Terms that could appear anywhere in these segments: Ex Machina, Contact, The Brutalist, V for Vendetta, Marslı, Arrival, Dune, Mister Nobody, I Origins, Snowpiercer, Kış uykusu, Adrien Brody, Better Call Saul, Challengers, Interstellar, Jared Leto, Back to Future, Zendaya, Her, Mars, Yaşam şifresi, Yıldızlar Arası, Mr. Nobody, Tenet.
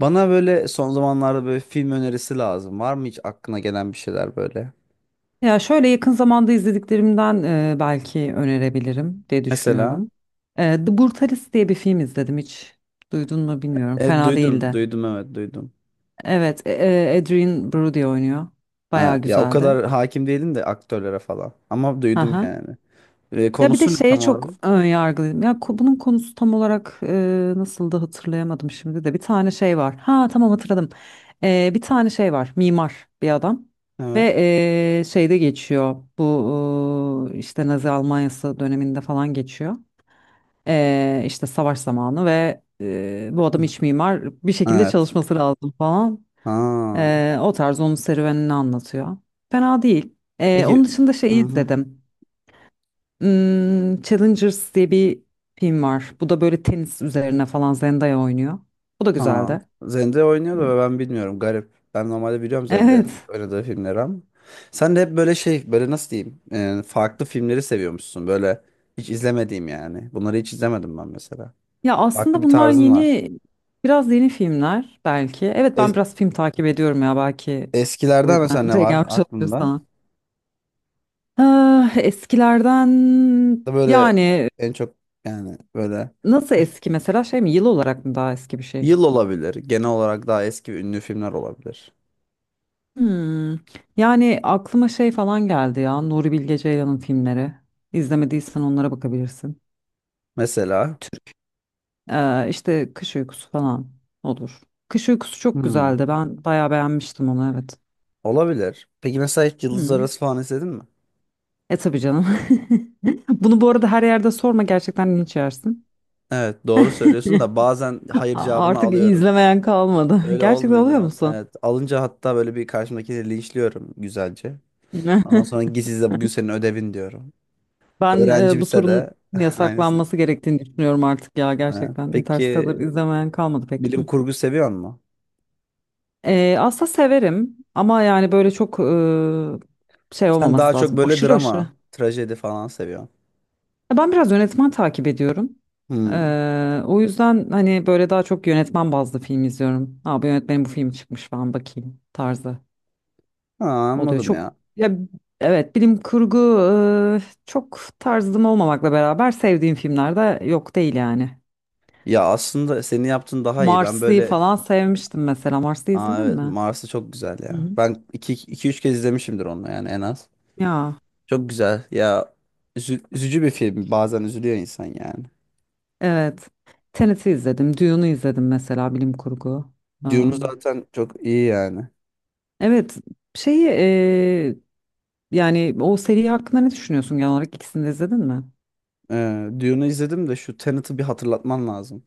Bana böyle son zamanlarda böyle film önerisi lazım. Var mı hiç aklına gelen bir şeyler böyle? Ya şöyle yakın zamanda izlediklerimden belki önerebilirim diye Mesela. düşünüyorum. The Brutalist diye bir film izledim, hiç duydun mu bilmiyorum. Fena Duydum, değildi. duydum, evet duydum. Evet, Adrien Brody oynuyor. Bayağı Ha, ya o güzeldi. kadar hakim değilim de aktörlere falan. Ama Hı duydum hı. yani. Ya bir de Konusu ne şeye tam olarak? çok ön yargılıyım. Ya bunun konusu tam olarak nasıl da hatırlayamadım şimdi de. Bir tane şey var. Ha tamam, hatırladım. Bir tane şey var. Mimar bir adam. Ve Evet. Şeyde geçiyor. Bu işte Nazi Almanyası döneminde falan geçiyor. İşte savaş zamanı ve bu Hı. adam iç mimar. Bir şekilde Evet. çalışması lazım falan. Ha. O tarz, onun serüvenini anlatıyor. Fena değil. Onun Peki. dışında şeyi Hı-hı. izledim. Hmm, Challengers diye bir film var. Bu da böyle tenis üzerine falan, Zendaya oynuyor. Bu da Ha. güzeldi. Zendaya oynuyor Hı. da ben bilmiyorum. Garip. Ben normalde biliyorum Zendaya'nın Evet. oynadığı filmleri ama. Sen de hep böyle şey, böyle nasıl diyeyim? Farklı filmleri seviyormuşsun. Böyle hiç izlemediğim yani. Bunları hiç izlemedim ben mesela. Ya Farklı aslında bir bunlar tarzın var. yeni, biraz yeni filmler belki. Evet, ben Es- biraz film takip ediyorum ya belki. O Eskilerden yüzden mesela ne şey var gelmiş olabilir aklında? sana. Ah, eskilerden Da böyle yani en çok yani böyle nasıl eski mesela, şey mi, yıl olarak mı daha eski bir şey? yıl olabilir. Genel olarak daha eski ve ünlü filmler olabilir. Hmm. Yani aklıma şey falan geldi ya, Nuri Bilge Ceylan'ın filmleri. İzlemediysen onlara bakabilirsin. Mesela İşte kış uykusu falan olur. Kış uykusu çok hmm, güzeldi. Ben bayağı beğenmiştim onu, evet. olabilir. Peki mesela hiç Yıldızlar Hı. Arası falan izledin mi? E tabii canım. Bunu bu arada her yerde sorma, gerçekten linç yersin. Evet, doğru söylüyorsun da bazen hayır cevabını Artık alıyorum. izlemeyen kalmadı. Öyle Gerçekten olmuyor bu oluyor arada. musun? Evet, alınca hatta böyle bir karşımdakini linçliyorum güzelce. Ondan sonra git izle, bugün senin ödevin diyorum. Ben, bu Öğrencimse sorunun de aynısını. yasaklanması gerektiğini düşünüyorum artık ya, Evet. gerçekten. Peki Interstellar izlemeyen kalmadı pek. bilim Hı. kurgu seviyor musun? Aslında severim ama yani böyle çok şey Sen daha olmaması çok lazım. böyle Aşırı aşırı. drama, trajedi falan seviyorsun. Ya ben biraz yönetmen takip ediyorum. Hmm. O yüzden hani böyle daha çok yönetmen bazlı film izliyorum. Ha, bu yönetmenin bu filmi çıkmış, ben bakayım tarzı Ha, oluyor. anladım Çok ya. ya, evet, bilim kurgu çok tarzım olmamakla beraber sevdiğim filmler de yok değil yani. Ya aslında senin yaptığın daha iyi. Ben Marslı'yı böyle. falan sevmiştim mesela. Marslı Aa, izledin evet mi? Mars'ı çok güzel Hı ya. hı. Ben iki, 2 3 kez izlemişimdir onu yani en az. Ya Çok güzel. Ya üzücü bir film. Bazen üzülüyor insan yani. evet. Tenet'i izledim. Dune'u izledim mesela, bilim kurgu. Dune'u Am, zaten çok iyi yani. evet, şeyi. Yani o seri hakkında ne düşünüyorsun genel olarak? İkisini de izledin mi? Dune'u izledim de şu Tenet'i bir hatırlatman lazım.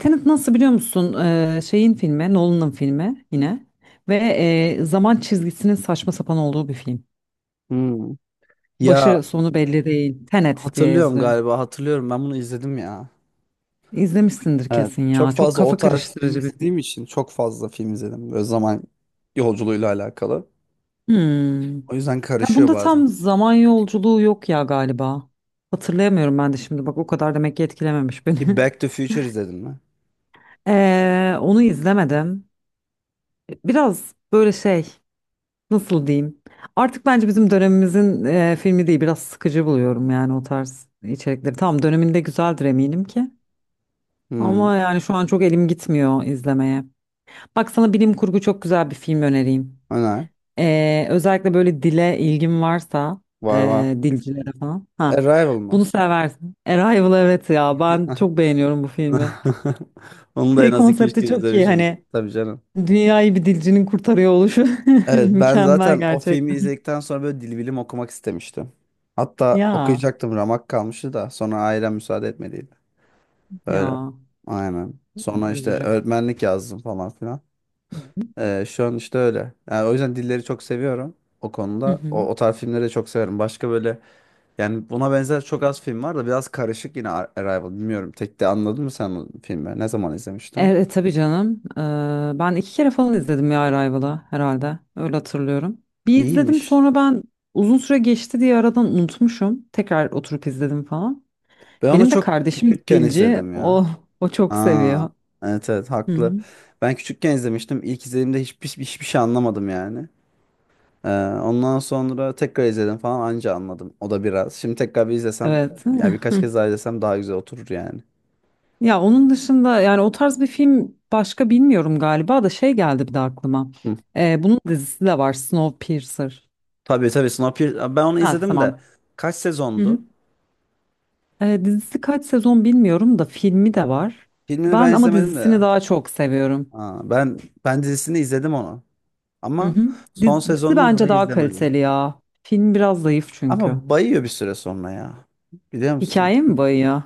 Tenet nasıl biliyor musun? Şeyin filmi, Nolan'ın filmi yine. Ve zaman çizgisinin saçma sapan olduğu bir film. Hmm. Ya Başı sonu belli değil. Tenet diye hatırlıyorum, yazılıyor. galiba hatırlıyorum, ben bunu izledim ya. İzlemişsindir Evet, kesin çok ya. Çok fazla o kafa tarz film karıştırıcı bir film. izlediğim için çok fazla film izledim. Böyle zaman yolculuğuyla alakalı. Hmm. O yüzden Ya karışıyor bunda bazen. tam zaman yolculuğu yok ya galiba. Hatırlayamıyorum ben de şimdi. Bak, o kadar demek ki etkilememiş beni. Peki Back to Future izledin mi? Onu izlemedim. Biraz böyle şey. Nasıl diyeyim? Artık bence bizim dönemimizin filmi değil, biraz sıkıcı buluyorum yani o tarz içerikleri. Tamam, döneminde güzeldir eminim ki. Hmm, Ama yani şu an çok elim gitmiyor izlemeye. Bak sana bilim kurgu çok güzel bir film önereyim. öner. Özellikle böyle dile ilgin varsa Var var. Dilcilere falan. Ha, Arrival mı? bunu seversin. Arrival, evet ya, ben çok beğeniyorum bu filmi. Onu da en Şey, az iki üç konsepti kez çok iyi izlemişimdir. hani, Tabii canım. dünyayı bir dilcinin kurtarıyor oluşu Evet, ben mükemmel zaten o filmi gerçekten. izledikten sonra böyle dil bilim okumak istemiştim. Hatta Ya okuyacaktım, ramak kalmıştı da sonra ailem müsaade etmediydi. Öyle. ya. Aynen. Sonra işte Üzücü. öğretmenlik yazdım falan filan. Şu an işte öyle. Yani o yüzden dilleri çok seviyorum o Hı konuda. O, hı. o tarz filmleri de çok severim. Başka böyle yani buna benzer çok az film var da biraz karışık yine Arrival. Bilmiyorum. Tek de anladın mı sen o filmi? Ne zaman izlemiştin? Evet tabii canım. Ben iki kere falan izledim ya Arrival'ı herhalde. Öyle hatırlıyorum. Bir izledim, İyiymiş. sonra ben uzun süre geçti diye aradan unutmuşum. Tekrar oturup izledim falan. Ben onu Benim de çok kardeşim küçükken dilci. izledim ya. O çok Aa, seviyor. evet evet, Hı hı. haklı. Ben küçükken izlemiştim. İlk izlediğimde hiçbir şey anlamadım yani. Ee, Ondan sonra tekrar izledim falan, anca anladım. O da biraz. Şimdi tekrar bir izlesem Evet. ya birkaç kez daha izlesem daha güzel oturur yani. Ya onun dışında yani o tarz bir film başka bilmiyorum galiba, da şey geldi bir de aklıma. Bunun dizisi de var, Snowpiercer. Tabii tabii, Snowpiercer. Ben onu Ha izledim de tamam. kaç Hı hı. sezondu? Dizisi kaç sezon bilmiyorum da, filmi de var. Filmini ben Ben ama izlemedim de dizisini ya. daha çok seviyorum. Aa, ben dizisini izledim onu. Hı Ama hı. son Dizi sezonunu mu bence ne daha kaliteli izlemedim. ya. Film biraz zayıf çünkü. Ama bayıyor bir süre sonra ya. Biliyor musun? Hikaye mi bayıyor?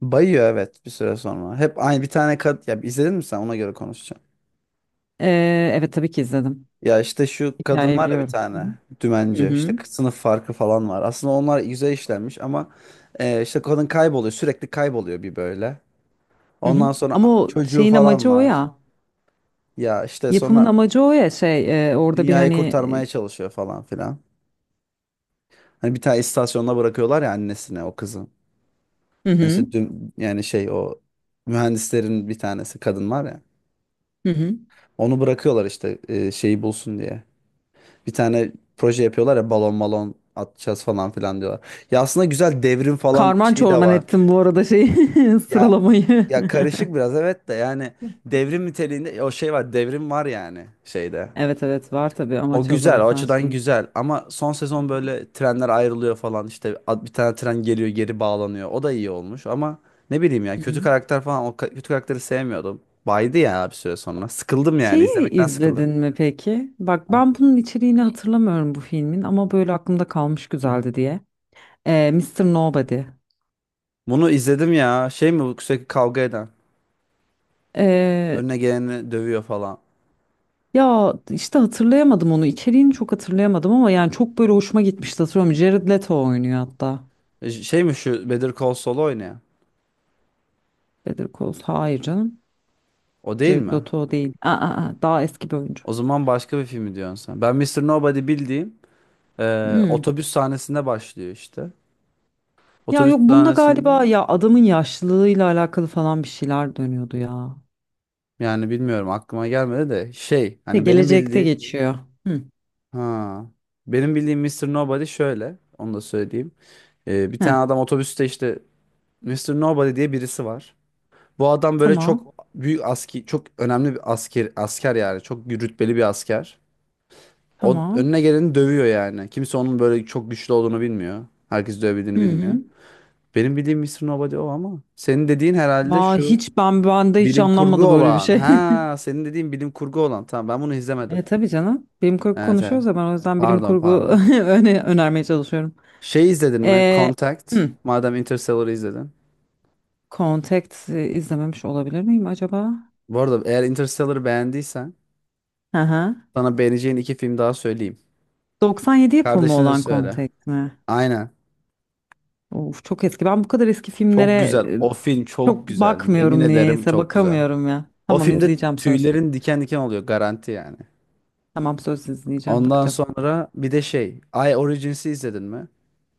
Bayıyor, evet, bir süre sonra. Hep aynı bir tane kad, ya izledin mi sen, ona göre konuşacağım. Evet tabii ki izledim. Ya işte şu kadın Hikayeyi var ya, bir biliyorum. Hı hı. tane Hı dümenci, hı. işte sınıf farkı falan var. Aslında onlar güzel işlenmiş ama işte kadın kayboluyor, sürekli kayboluyor bir böyle. Hı hı. Ondan sonra Ama o çocuğu şeyin falan amacı o var. ya. Ya işte Yapımın sonra amacı o ya, şey orada bir dünyayı hani kurtarmaya çalışıyor falan filan. Hani bir tane istasyonda bırakıyorlar ya annesine o kızı. Hı Yani hı. işte yani şey o mühendislerin bir tanesi kadın var ya. Hı hı. Onu bırakıyorlar işte şeyi bulsun diye. Bir tane proje yapıyorlar ya, balon balon atacağız falan filan diyorlar. Ya aslında güzel, devrim falan Karman şeyi de çorman var. ettim bu arada şeyi Ya sıralamayı. ya, karışık biraz evet de yani devrim niteliğinde o şey var, devrim var yani şeyde. Evet evet, var tabii, O amaç o güzel, o zaten açıdan şeyin. güzel ama son Hı sezon hı. böyle trenler ayrılıyor falan, işte bir tane tren geliyor geri bağlanıyor. O da iyi olmuş ama ne bileyim ya, Hı kötü hı. karakter falan, o kötü karakteri sevmiyordum. Baydı ya bir süre sonra. Sıkıldım, yani Şeyi izlemekten sıkıldım. izledin mi peki? Bak ben bunun içeriğini hatırlamıyorum, bu filmin, ama böyle aklımda kalmış güzeldi diye. Mr. Nobody. Bunu izledim ya, şey mi bu, sürekli kavga eden Ee, önüne geleni dövüyor falan. ya işte hatırlayamadım onu. İçeriğini çok hatırlayamadım ama yani çok böyle hoşuma gitmişti, hatırlıyorum. Jared Leto oynuyor hatta. Şey mi şu Better Call Saul oynayan, Better Call Saul. Hayır canım. o değil Jared mi? Leto değil. Aa, aa, daha eski bir oyuncu. O zaman başka bir filmi diyorsun sen. Ben Mister Nobody bildiğim Hmm. otobüs sahnesinde başlıyor işte. Ya Otobüs yok, bunda galiba sahnesinde. ya adamın yaşlılığıyla alakalı falan bir şeyler dönüyordu ya. Yani bilmiyorum, aklıma gelmedi de şey Şey, hani gelecekte geçiyor. Hı. ha benim bildiğim Mr. Nobody şöyle, onu da söyleyeyim. Bir Heh, tane adam otobüste işte Mr. Nobody diye birisi var. Bu adam böyle tamam. çok büyük aski, çok önemli bir asker yani, çok rütbeli bir asker. O Tamam. önüne geleni dövüyor yani. Kimse onun böyle çok güçlü olduğunu bilmiyor. Herkes dövebildiğini Hı hı. bilmiyor. Benim bildiğim Mr. Nobody o, ama senin dediğin herhalde Aa, şu hiç, ben bende hiç bilim kurgu anlanmadı böyle bir olan. şey. Ha, senin dediğin bilim kurgu olan. Tamam, ben bunu izlemedim. E tabii canım. Bilim kurgu Evet evet. konuşuyoruz ya, ben o yüzden bilim Pardon kurgu pardon. Önermeye çalışıyorum. Şey izledin mi? E, Contact. hı. Madem Interstellar'ı izledin. Contact, izlememiş olabilir miyim acaba? Bu arada, eğer Interstellar'ı beğendiysen Hı hı. sana beğeneceğin iki film daha söyleyeyim. 97 yapımı Kardeşine de olan söyle. Contact mi? Aynen. Of, çok eski. Ben bu kadar eski filmlere Çok güzel. O film çok çok güzel. Yemin bakmıyorum ederim, niyeyse, çok güzel. bakamıyorum ya. O Tamam, filmde izleyeceğim, söz. tüylerin diken diken oluyor garanti yani. Tamam söz, izleyeceğim, Ondan bakacağım. sonra bir de şey, I Origins'i izledin mi?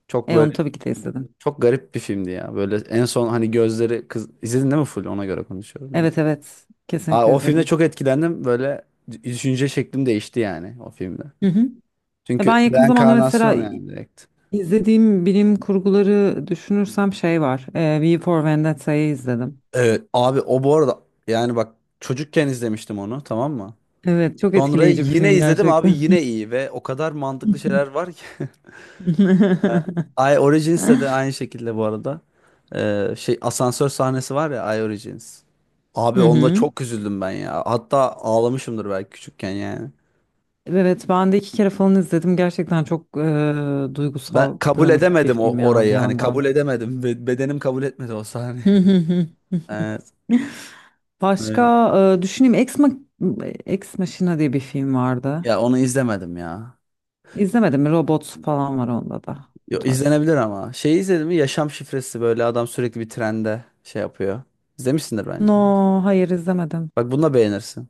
Çok E onu böyle, tabii ki de izledim. çok garip bir filmdi ya. Böyle en son hani gözleri kız, izledin değil mi, full ona göre konuşuyorum. Evet evet, Aa, kesinlikle o filmde izledim. çok etkilendim. Böyle düşünce şeklim değişti yani o filmde. Hı hı. Ya Çünkü ben yakın zamanda mesela reenkarnasyon yani, direkt. izlediğim bilim kurguları düşünürsem şey var. V for Vendetta'yı izledim. Evet abi, o bu arada, yani bak, çocukken izlemiştim onu, tamam mı? Evet, çok Sonra etkileyici bir yine film izledim abi, gerçekten. yine iyi, ve o kadar mantıklı şeyler var ki. Ee, I Origins'te de aynı şekilde bu arada. Şey asansör sahnesi var ya I Origins. Hı Abi onda hı. çok üzüldüm ben ya. Hatta ağlamışımdır belki küçükken yani. Evet, ben de iki kere falan izledim. Gerçekten çok Ben duygusal, kabul dramatik bir edemedim o film ya bir orayı, hani kabul yandan. edemedim. Bedenim kabul etmedi o sahneyi. Hı hı hı. Evet, evet. Başka düşüneyim. Ex Machina diye bir film vardı. Ya onu izlemedim ya. İzlemedim mi? Robot falan var onda da. Bu Yo, tarz. izlenebilir ama. Şeyi izledin mi? Yaşam şifresi, böyle adam sürekli bir trende şey yapıyor. İzlemişsindir bence onu. No, hayır izlemedim. Bak bunu da beğenirsin.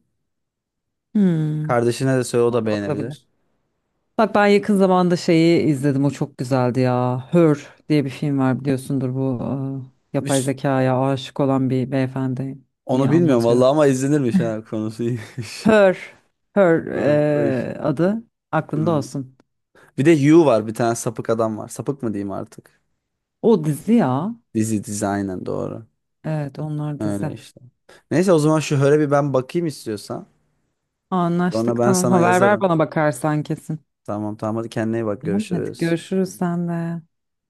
Hmm. Kardeşine de söyle, o Ona da da bakılabilir. beğenebilir. Bak ben yakın zamanda şeyi izledim. O çok güzeldi ya. Her diye bir film var, biliyorsundur bu yapay Üst, zekaya aşık olan bir beyefendi, iyi onu bilmiyorum anlatıyor. vallahi ama izlenirmiş, ha, konusu iyiymiş. Her, Her Ha, bakayım. adı aklında Hı. olsun. Bir de You var, bir tane sapık adam var. Sapık mı diyeyim artık? O dizi ya. Dizi dizi, aynen, doğru. Evet, onlar Öyle dizi. işte. Neyse, o zaman şu höre bir ben bakayım istiyorsan. Sonra Anlaştık, ben tamam. sana Haber ver yazarım. bana bakarsan kesin. Tamam tamam, hadi kendine iyi bak, Tamam hadi görüşürüz. görüşürüz sen de.